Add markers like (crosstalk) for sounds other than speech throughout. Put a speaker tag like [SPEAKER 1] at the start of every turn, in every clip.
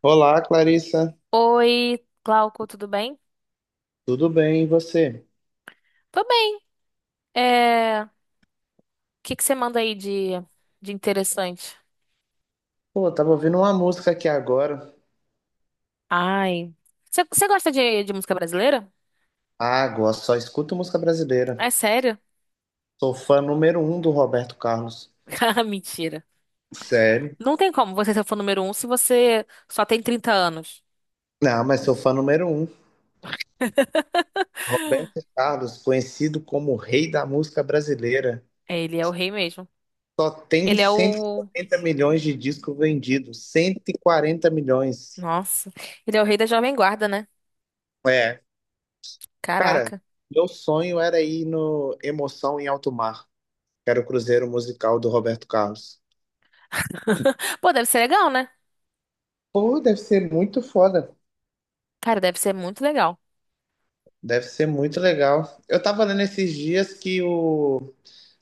[SPEAKER 1] Olá, Clarissa.
[SPEAKER 2] Oi, Glauco, tudo bem?
[SPEAKER 1] Tudo bem, e você?
[SPEAKER 2] Tô bem. É, o que que você manda aí de interessante?
[SPEAKER 1] Pô, eu tava ouvindo uma música aqui agora.
[SPEAKER 2] Ai, você gosta de música brasileira?
[SPEAKER 1] Ah, gosto, só escuto música brasileira.
[SPEAKER 2] É sério?
[SPEAKER 1] Sou fã número um do Roberto Carlos.
[SPEAKER 2] (laughs) Ah, mentira.
[SPEAKER 1] Sério?
[SPEAKER 2] Não tem como você ser fã número um se você só tem 30 anos.
[SPEAKER 1] Não, mas sou fã número um.
[SPEAKER 2] (laughs)
[SPEAKER 1] Roberto Carlos, conhecido como o rei da música brasileira,
[SPEAKER 2] É, ele é o rei mesmo.
[SPEAKER 1] só tem
[SPEAKER 2] Ele é
[SPEAKER 1] cento e
[SPEAKER 2] o...
[SPEAKER 1] quarenta milhões de discos vendidos. 140 milhões.
[SPEAKER 2] Nossa, ele é o rei da Jovem Guarda, né?
[SPEAKER 1] É. Cara,
[SPEAKER 2] Caraca.
[SPEAKER 1] meu sonho era ir no Emoção em Alto Mar, que era o cruzeiro musical do Roberto Carlos.
[SPEAKER 2] (laughs) Pô, deve ser legal, né?
[SPEAKER 1] Pô, deve ser muito foda.
[SPEAKER 2] Cara, deve ser muito legal.
[SPEAKER 1] Deve ser muito legal. Eu tava lendo esses dias que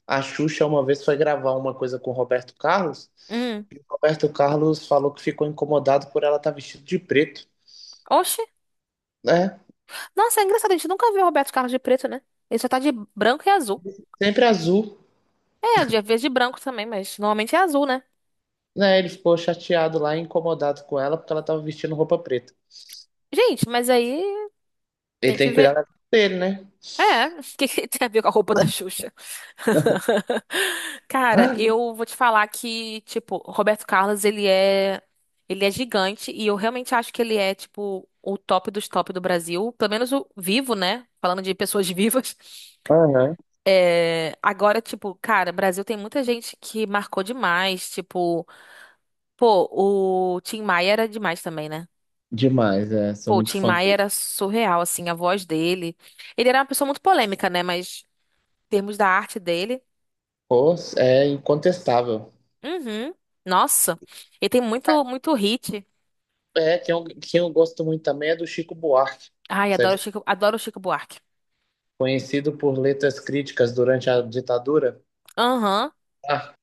[SPEAKER 1] a Xuxa uma vez foi gravar uma coisa com o Roberto Carlos,
[SPEAKER 2] Hum.
[SPEAKER 1] e o Roberto Carlos falou que ficou incomodado por ela estar vestida de preto,
[SPEAKER 2] Oxe.
[SPEAKER 1] né?
[SPEAKER 2] Nossa, é engraçado, a gente nunca viu o Roberto Carlos de preto, né? Ele só tá de branco e azul.
[SPEAKER 1] Sempre azul,
[SPEAKER 2] É, de vez de branco também, mas normalmente é azul, né?
[SPEAKER 1] né? Ele ficou chateado lá, e incomodado com ela, porque ela tava vestindo roupa preta.
[SPEAKER 2] Gente, mas aí
[SPEAKER 1] Ele
[SPEAKER 2] tem
[SPEAKER 1] tem
[SPEAKER 2] que
[SPEAKER 1] que cuidar
[SPEAKER 2] ver.
[SPEAKER 1] da vida dele, né?
[SPEAKER 2] É, (laughs) o que que tem a ver com a roupa da Xuxa? (laughs) Cara,
[SPEAKER 1] (gasps)
[SPEAKER 2] eu vou te falar que, tipo, o Roberto Carlos, ele é gigante e eu realmente acho que ele é, tipo, o top dos top do Brasil, pelo menos o vivo, né? Falando de pessoas (laughs) vivas.
[SPEAKER 1] Aham.
[SPEAKER 2] É, agora, tipo, cara, Brasil tem muita gente que marcou demais, tipo, pô, o Tim Maia era demais também, né?
[SPEAKER 1] Demais, é. Sou
[SPEAKER 2] Pô, o
[SPEAKER 1] muito
[SPEAKER 2] Tim
[SPEAKER 1] fã
[SPEAKER 2] Maia
[SPEAKER 1] dele.
[SPEAKER 2] era surreal, assim, a voz dele. Ele era uma pessoa muito polêmica, né? Mas em termos da arte dele.
[SPEAKER 1] Pô, é incontestável.
[SPEAKER 2] Uhum. Nossa, ele tem muito, muito hit.
[SPEAKER 1] É, quem eu gosto muito também é do Chico Buarque.
[SPEAKER 2] Ai,
[SPEAKER 1] Você
[SPEAKER 2] Adoro o Chico Buarque.
[SPEAKER 1] conhecido por letras críticas durante a ditadura.
[SPEAKER 2] Aham,
[SPEAKER 1] Ah,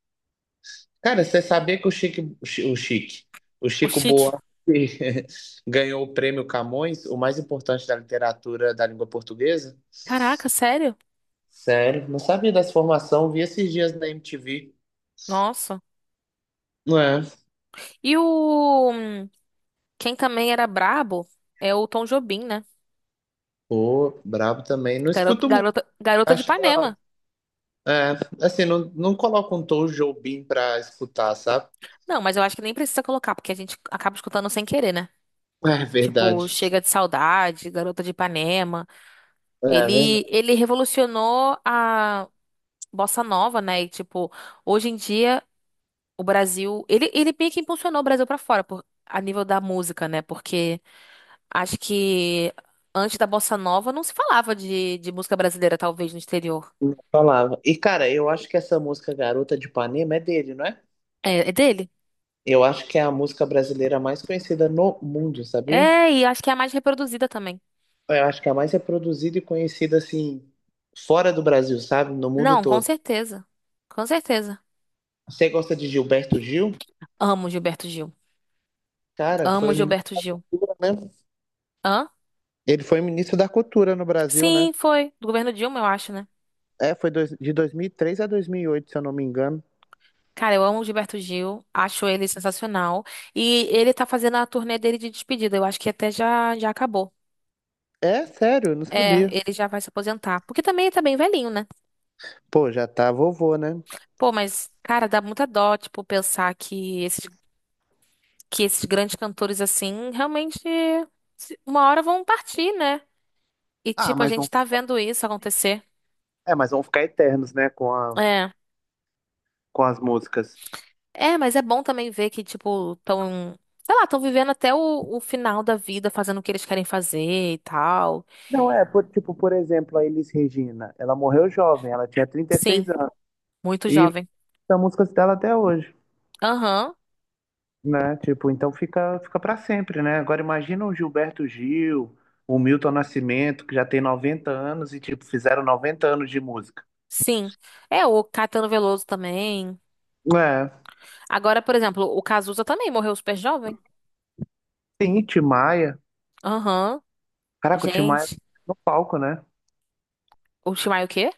[SPEAKER 1] cara, você sabia que o Chique, o Chi- o Chique, o
[SPEAKER 2] o
[SPEAKER 1] Chico
[SPEAKER 2] Chique.
[SPEAKER 1] Buarque (laughs) ganhou o prêmio Camões, o mais importante da literatura da língua portuguesa?
[SPEAKER 2] Caraca, sério?
[SPEAKER 1] Sério, não sabia dessa formação, vi esses dias na MTV.
[SPEAKER 2] Nossa.
[SPEAKER 1] Não é?
[SPEAKER 2] E o... hum, Quem também era brabo é o Tom Jobim, né?
[SPEAKER 1] Pô, brabo também. Não
[SPEAKER 2] Garota,
[SPEAKER 1] escuto muito,
[SPEAKER 2] garota, garota de
[SPEAKER 1] acho da hora.
[SPEAKER 2] Ipanema.
[SPEAKER 1] É, assim, não, não coloco um Tom Jobim pra escutar, sabe?
[SPEAKER 2] Não, mas eu acho que nem precisa colocar, porque a gente acaba escutando sem querer, né?
[SPEAKER 1] É
[SPEAKER 2] Tipo,
[SPEAKER 1] verdade.
[SPEAKER 2] Chega de Saudade, Garota de Ipanema.
[SPEAKER 1] É
[SPEAKER 2] Ele,
[SPEAKER 1] verdade.
[SPEAKER 2] ele revolucionou a bossa nova, né? E, tipo, hoje em dia, o Brasil. Ele meio que impulsionou o Brasil pra fora, a nível da música, né? Porque acho que antes da bossa nova não se falava de música brasileira, talvez, no exterior.
[SPEAKER 1] Falava. E, cara, eu acho que essa música Garota de Ipanema é dele, não é?
[SPEAKER 2] É, dele?
[SPEAKER 1] Eu acho que é a música brasileira mais conhecida no mundo, sabia?
[SPEAKER 2] É, e acho que é a mais reproduzida também.
[SPEAKER 1] Eu acho que é a mais reproduzida e conhecida, assim, fora do Brasil, sabe? No mundo
[SPEAKER 2] Não, com
[SPEAKER 1] todo.
[SPEAKER 2] certeza. Com certeza.
[SPEAKER 1] Você gosta de Gilberto Gil?
[SPEAKER 2] Amo Gilberto Gil.
[SPEAKER 1] Cara,
[SPEAKER 2] Amo
[SPEAKER 1] foi ministro,
[SPEAKER 2] Gilberto Gil.
[SPEAKER 1] né?
[SPEAKER 2] Hã?
[SPEAKER 1] Ele foi ministro da Cultura no Brasil, né?
[SPEAKER 2] Sim, foi. Do governo Dilma, eu acho, né?
[SPEAKER 1] É, foi de 2003 a 2008, se eu não me engano.
[SPEAKER 2] Cara, eu amo o Gilberto Gil, acho ele sensacional. E ele tá fazendo a turnê dele de despedida, eu acho que até já, já acabou.
[SPEAKER 1] É, sério, eu não
[SPEAKER 2] É,
[SPEAKER 1] sabia.
[SPEAKER 2] ele já vai se aposentar. Porque também ele tá bem velhinho, né?
[SPEAKER 1] Pô, já tá vovô, né?
[SPEAKER 2] Pô, mas, cara, dá muita dó, tipo, pensar que esses grandes cantores, assim, realmente uma hora vão partir, né? E,
[SPEAKER 1] Ah,
[SPEAKER 2] tipo, a
[SPEAKER 1] mas
[SPEAKER 2] gente
[SPEAKER 1] vão,
[SPEAKER 2] tá vendo isso acontecer.
[SPEAKER 1] é, mas vão ficar eternos, né, com
[SPEAKER 2] É.
[SPEAKER 1] com as músicas.
[SPEAKER 2] É, mas é bom também ver que, tipo, sei lá, tão vivendo até o final da vida, fazendo o que eles querem fazer e tal.
[SPEAKER 1] Não, é, tipo, por exemplo, a Elis Regina, ela morreu jovem, ela tinha
[SPEAKER 2] Sim,
[SPEAKER 1] 36 anos.
[SPEAKER 2] muito
[SPEAKER 1] E
[SPEAKER 2] jovem.
[SPEAKER 1] são músicas dela até hoje,
[SPEAKER 2] Aham,
[SPEAKER 1] né? Tipo, então fica para sempre, né? Agora imagina o Gilberto Gil, o Milton Nascimento, que já tem 90 anos e, tipo, fizeram 90 anos de música.
[SPEAKER 2] sim. É, o Caetano Veloso também.
[SPEAKER 1] É,
[SPEAKER 2] Agora, por exemplo, o Cazuza também morreu super jovem.
[SPEAKER 1] sim, Tim Maia.
[SPEAKER 2] Aham,
[SPEAKER 1] Caraca, o Tim Maia
[SPEAKER 2] gente.
[SPEAKER 1] no palco, né?
[SPEAKER 2] O Timaya o quê?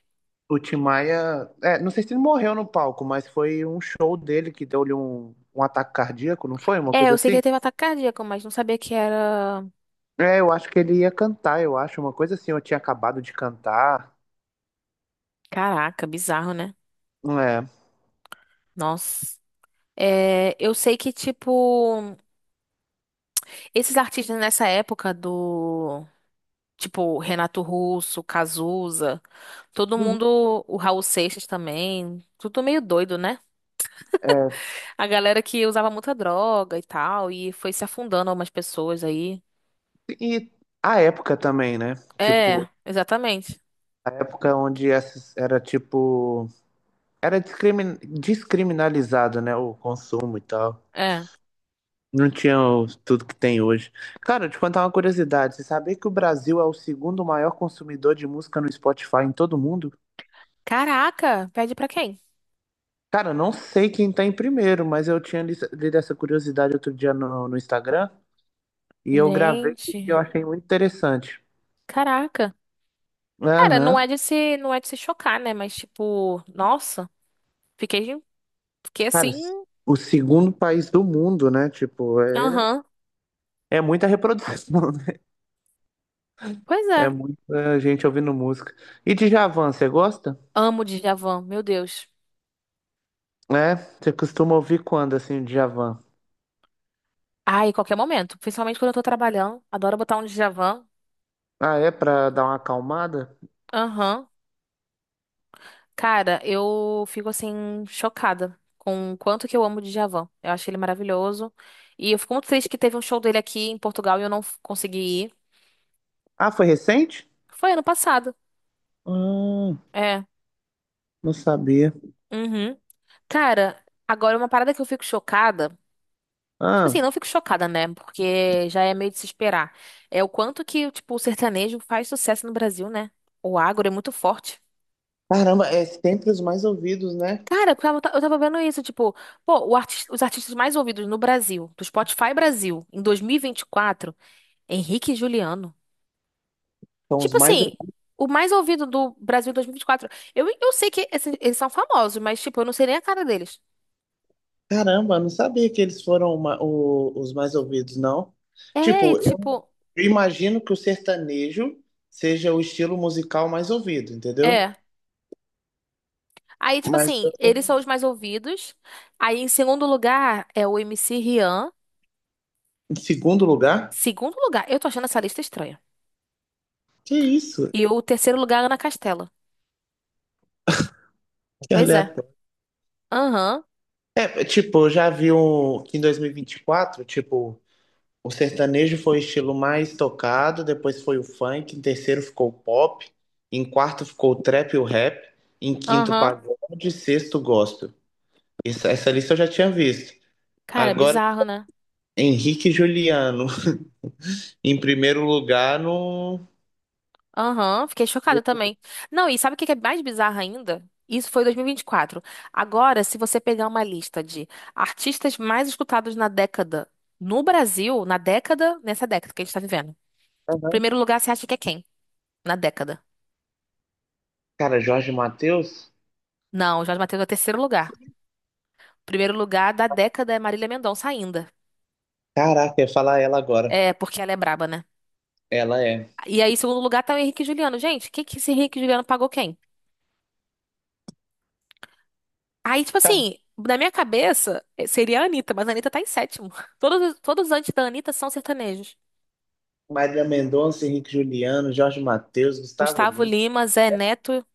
[SPEAKER 1] O Tim Maia, é, não sei se ele morreu no palco, mas foi um show dele que deu-lhe um ataque cardíaco, não foi? Uma
[SPEAKER 2] É,
[SPEAKER 1] coisa
[SPEAKER 2] eu sei que
[SPEAKER 1] assim?
[SPEAKER 2] ele teve ataque cardíaco, mas não sabia que era.
[SPEAKER 1] É, eu acho que ele ia cantar, eu acho, uma coisa assim, eu tinha acabado de cantar.
[SPEAKER 2] Caraca, bizarro, né?
[SPEAKER 1] É.
[SPEAKER 2] Nossa. É, eu sei que, tipo, esses artistas nessa época do. Tipo, Renato Russo, Cazuza, todo
[SPEAKER 1] Uhum.
[SPEAKER 2] mundo. O Raul Seixas também. Tudo meio doido, né? A galera que usava muita droga e tal, e foi se afundando algumas pessoas aí.
[SPEAKER 1] E a época também, né?
[SPEAKER 2] É,
[SPEAKER 1] Tipo,
[SPEAKER 2] exatamente.
[SPEAKER 1] a época onde era tipo. Era descriminalizado, né? O consumo e tal.
[SPEAKER 2] É.
[SPEAKER 1] Não tinha tudo que tem hoje. Cara, eu te contar uma curiosidade. Você sabia que o Brasil é o segundo maior consumidor de música no Spotify em todo o mundo?
[SPEAKER 2] Caraca, pede pra quem?
[SPEAKER 1] Cara, eu não sei quem tá em primeiro, mas eu tinha lido essa curiosidade outro dia no Instagram e eu gravei porque eu
[SPEAKER 2] Gente,
[SPEAKER 1] achei muito interessante.
[SPEAKER 2] caraca. Cara, não é
[SPEAKER 1] Aham.
[SPEAKER 2] de se, não é de se chocar, né? Mas tipo, nossa, fiquei, fiquei
[SPEAKER 1] Cara,
[SPEAKER 2] assim.
[SPEAKER 1] o segundo país do mundo, né? Tipo.
[SPEAKER 2] Aham.
[SPEAKER 1] É muita reprodução, né?
[SPEAKER 2] Pois
[SPEAKER 1] É
[SPEAKER 2] é.
[SPEAKER 1] muita gente ouvindo música. E Djavan, você gosta?
[SPEAKER 2] Amo Djavan, meu Deus.
[SPEAKER 1] É? Você costuma ouvir quando, assim, Djavan?
[SPEAKER 2] Ai, qualquer momento, principalmente quando eu tô trabalhando, adoro botar um Djavan.
[SPEAKER 1] Ah, é? Pra dar uma acalmada?
[SPEAKER 2] Aham. Cara, eu fico assim chocada com o quanto que eu amo o Djavan. Eu acho ele maravilhoso. E eu fico muito triste que teve um show dele aqui em Portugal e eu não consegui ir.
[SPEAKER 1] Ah, foi recente?
[SPEAKER 2] Foi ano passado.
[SPEAKER 1] Hum,
[SPEAKER 2] É.
[SPEAKER 1] não sabia.
[SPEAKER 2] Uhum. Cara, agora uma parada que eu fico chocada. Tipo assim,
[SPEAKER 1] Ah,
[SPEAKER 2] não fico chocada, né? Porque já é meio de se esperar. É o quanto que, tipo, o sertanejo faz sucesso no Brasil, né? O agro é muito forte.
[SPEAKER 1] caramba, é sempre os mais ouvidos, né?
[SPEAKER 2] Cara, eu tava vendo isso, tipo, pô, o os artistas mais ouvidos no Brasil, do Spotify Brasil, em 2024, Henrique e Juliano.
[SPEAKER 1] São os
[SPEAKER 2] Tipo
[SPEAKER 1] mais.
[SPEAKER 2] assim, o mais ouvido do Brasil dois mil e vinte e quatro. Eu sei que eles são famosos, mas, tipo, eu não sei nem a cara deles.
[SPEAKER 1] Caramba, eu não sabia que eles foram os mais ouvidos, não.
[SPEAKER 2] É, e,
[SPEAKER 1] Tipo, eu
[SPEAKER 2] tipo,
[SPEAKER 1] imagino que o sertanejo seja o estilo musical mais ouvido, entendeu?
[SPEAKER 2] é. Aí, tipo
[SPEAKER 1] Mas eu
[SPEAKER 2] assim,
[SPEAKER 1] tô
[SPEAKER 2] eles são os mais ouvidos. Aí, em segundo lugar, é o MC Rian.
[SPEAKER 1] em segundo lugar.
[SPEAKER 2] Segundo lugar, eu tô achando essa lista estranha.
[SPEAKER 1] Que isso?
[SPEAKER 2] E o terceiro lugar, Ana Castela.
[SPEAKER 1] Que
[SPEAKER 2] Pois é.
[SPEAKER 1] aleatório.
[SPEAKER 2] Aham,
[SPEAKER 1] É, tipo, eu já vi um, que em 2024, tipo, o sertanejo foi o estilo mais tocado, depois foi o funk, em terceiro ficou o pop, em quarto ficou o trap e o rap, em quinto o
[SPEAKER 2] aham.
[SPEAKER 1] pagode, sexto o gospel. Essa lista eu já tinha visto.
[SPEAKER 2] Cara, é
[SPEAKER 1] Agora,
[SPEAKER 2] bizarro, né?
[SPEAKER 1] Henrique e Juliano, (laughs) em primeiro lugar no...
[SPEAKER 2] Aham, fiquei chocada também. Não, e sabe o que que é mais bizarro ainda? Isso foi 2024. Agora, se você pegar uma lista de artistas mais escutados na década no Brasil, na década, nessa década que a gente tá vivendo.
[SPEAKER 1] Aham.
[SPEAKER 2] Primeiro lugar, você acha que é quem? Na década.
[SPEAKER 1] Cara, Jorge Mateus?
[SPEAKER 2] Não, Jorge Mateus é o terceiro lugar. Primeiro lugar da década é Marília Mendonça ainda.
[SPEAKER 1] Caraca, eu ia falar ela agora.
[SPEAKER 2] É, porque ela é braba, né?
[SPEAKER 1] Ela é.
[SPEAKER 2] E aí, em segundo lugar, tá o Henrique e Juliano. Gente, o que que esse Henrique e Juliano pagou quem? Aí, tipo assim, na minha cabeça, seria a Anitta, mas a Anitta tá em sétimo. (laughs) Todos antes da Anitta são sertanejos.
[SPEAKER 1] Marília Mendonça, Henrique Juliano, Jorge Mateus, Gustavo
[SPEAKER 2] Gustavo
[SPEAKER 1] Lima.
[SPEAKER 2] Lima, Zé Neto,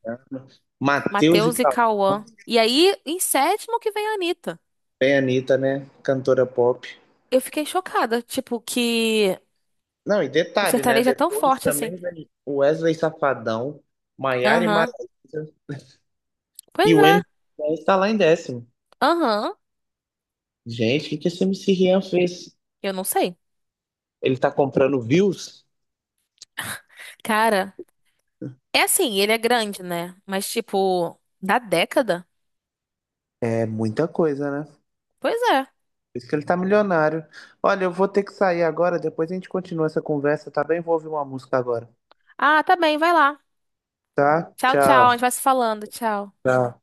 [SPEAKER 1] Matheus e
[SPEAKER 2] Matheus e
[SPEAKER 1] Cauã,
[SPEAKER 2] Cauã. E aí, em sétimo que vem a Anitta.
[SPEAKER 1] bem Anitta, né? Cantora pop.
[SPEAKER 2] Eu fiquei chocada, tipo, que
[SPEAKER 1] Não, e
[SPEAKER 2] o
[SPEAKER 1] detalhe, né?
[SPEAKER 2] sertanejo é tão
[SPEAKER 1] Depois
[SPEAKER 2] forte assim.
[SPEAKER 1] também vem o Wesley Safadão, Maiara e
[SPEAKER 2] Aham.
[SPEAKER 1] Maraíza, e
[SPEAKER 2] Pois
[SPEAKER 1] o MC
[SPEAKER 2] é.
[SPEAKER 1] Rian está lá em décimo.
[SPEAKER 2] Aham.
[SPEAKER 1] Gente, o que que esse MC Rian fez?
[SPEAKER 2] Eu não sei.
[SPEAKER 1] Ele tá comprando views?
[SPEAKER 2] Cara, é assim, ele é grande, né? Mas, tipo, da década?
[SPEAKER 1] É muita coisa, né?
[SPEAKER 2] Pois é.
[SPEAKER 1] Por isso que ele tá milionário. Olha, eu vou ter que sair agora, depois a gente continua essa conversa, tá bem? Vou ouvir uma música agora,
[SPEAKER 2] Ah, tá bem, vai lá.
[SPEAKER 1] tá?
[SPEAKER 2] Tchau, tchau. A gente
[SPEAKER 1] Tchau.
[SPEAKER 2] vai se falando. Tchau.
[SPEAKER 1] Tchau.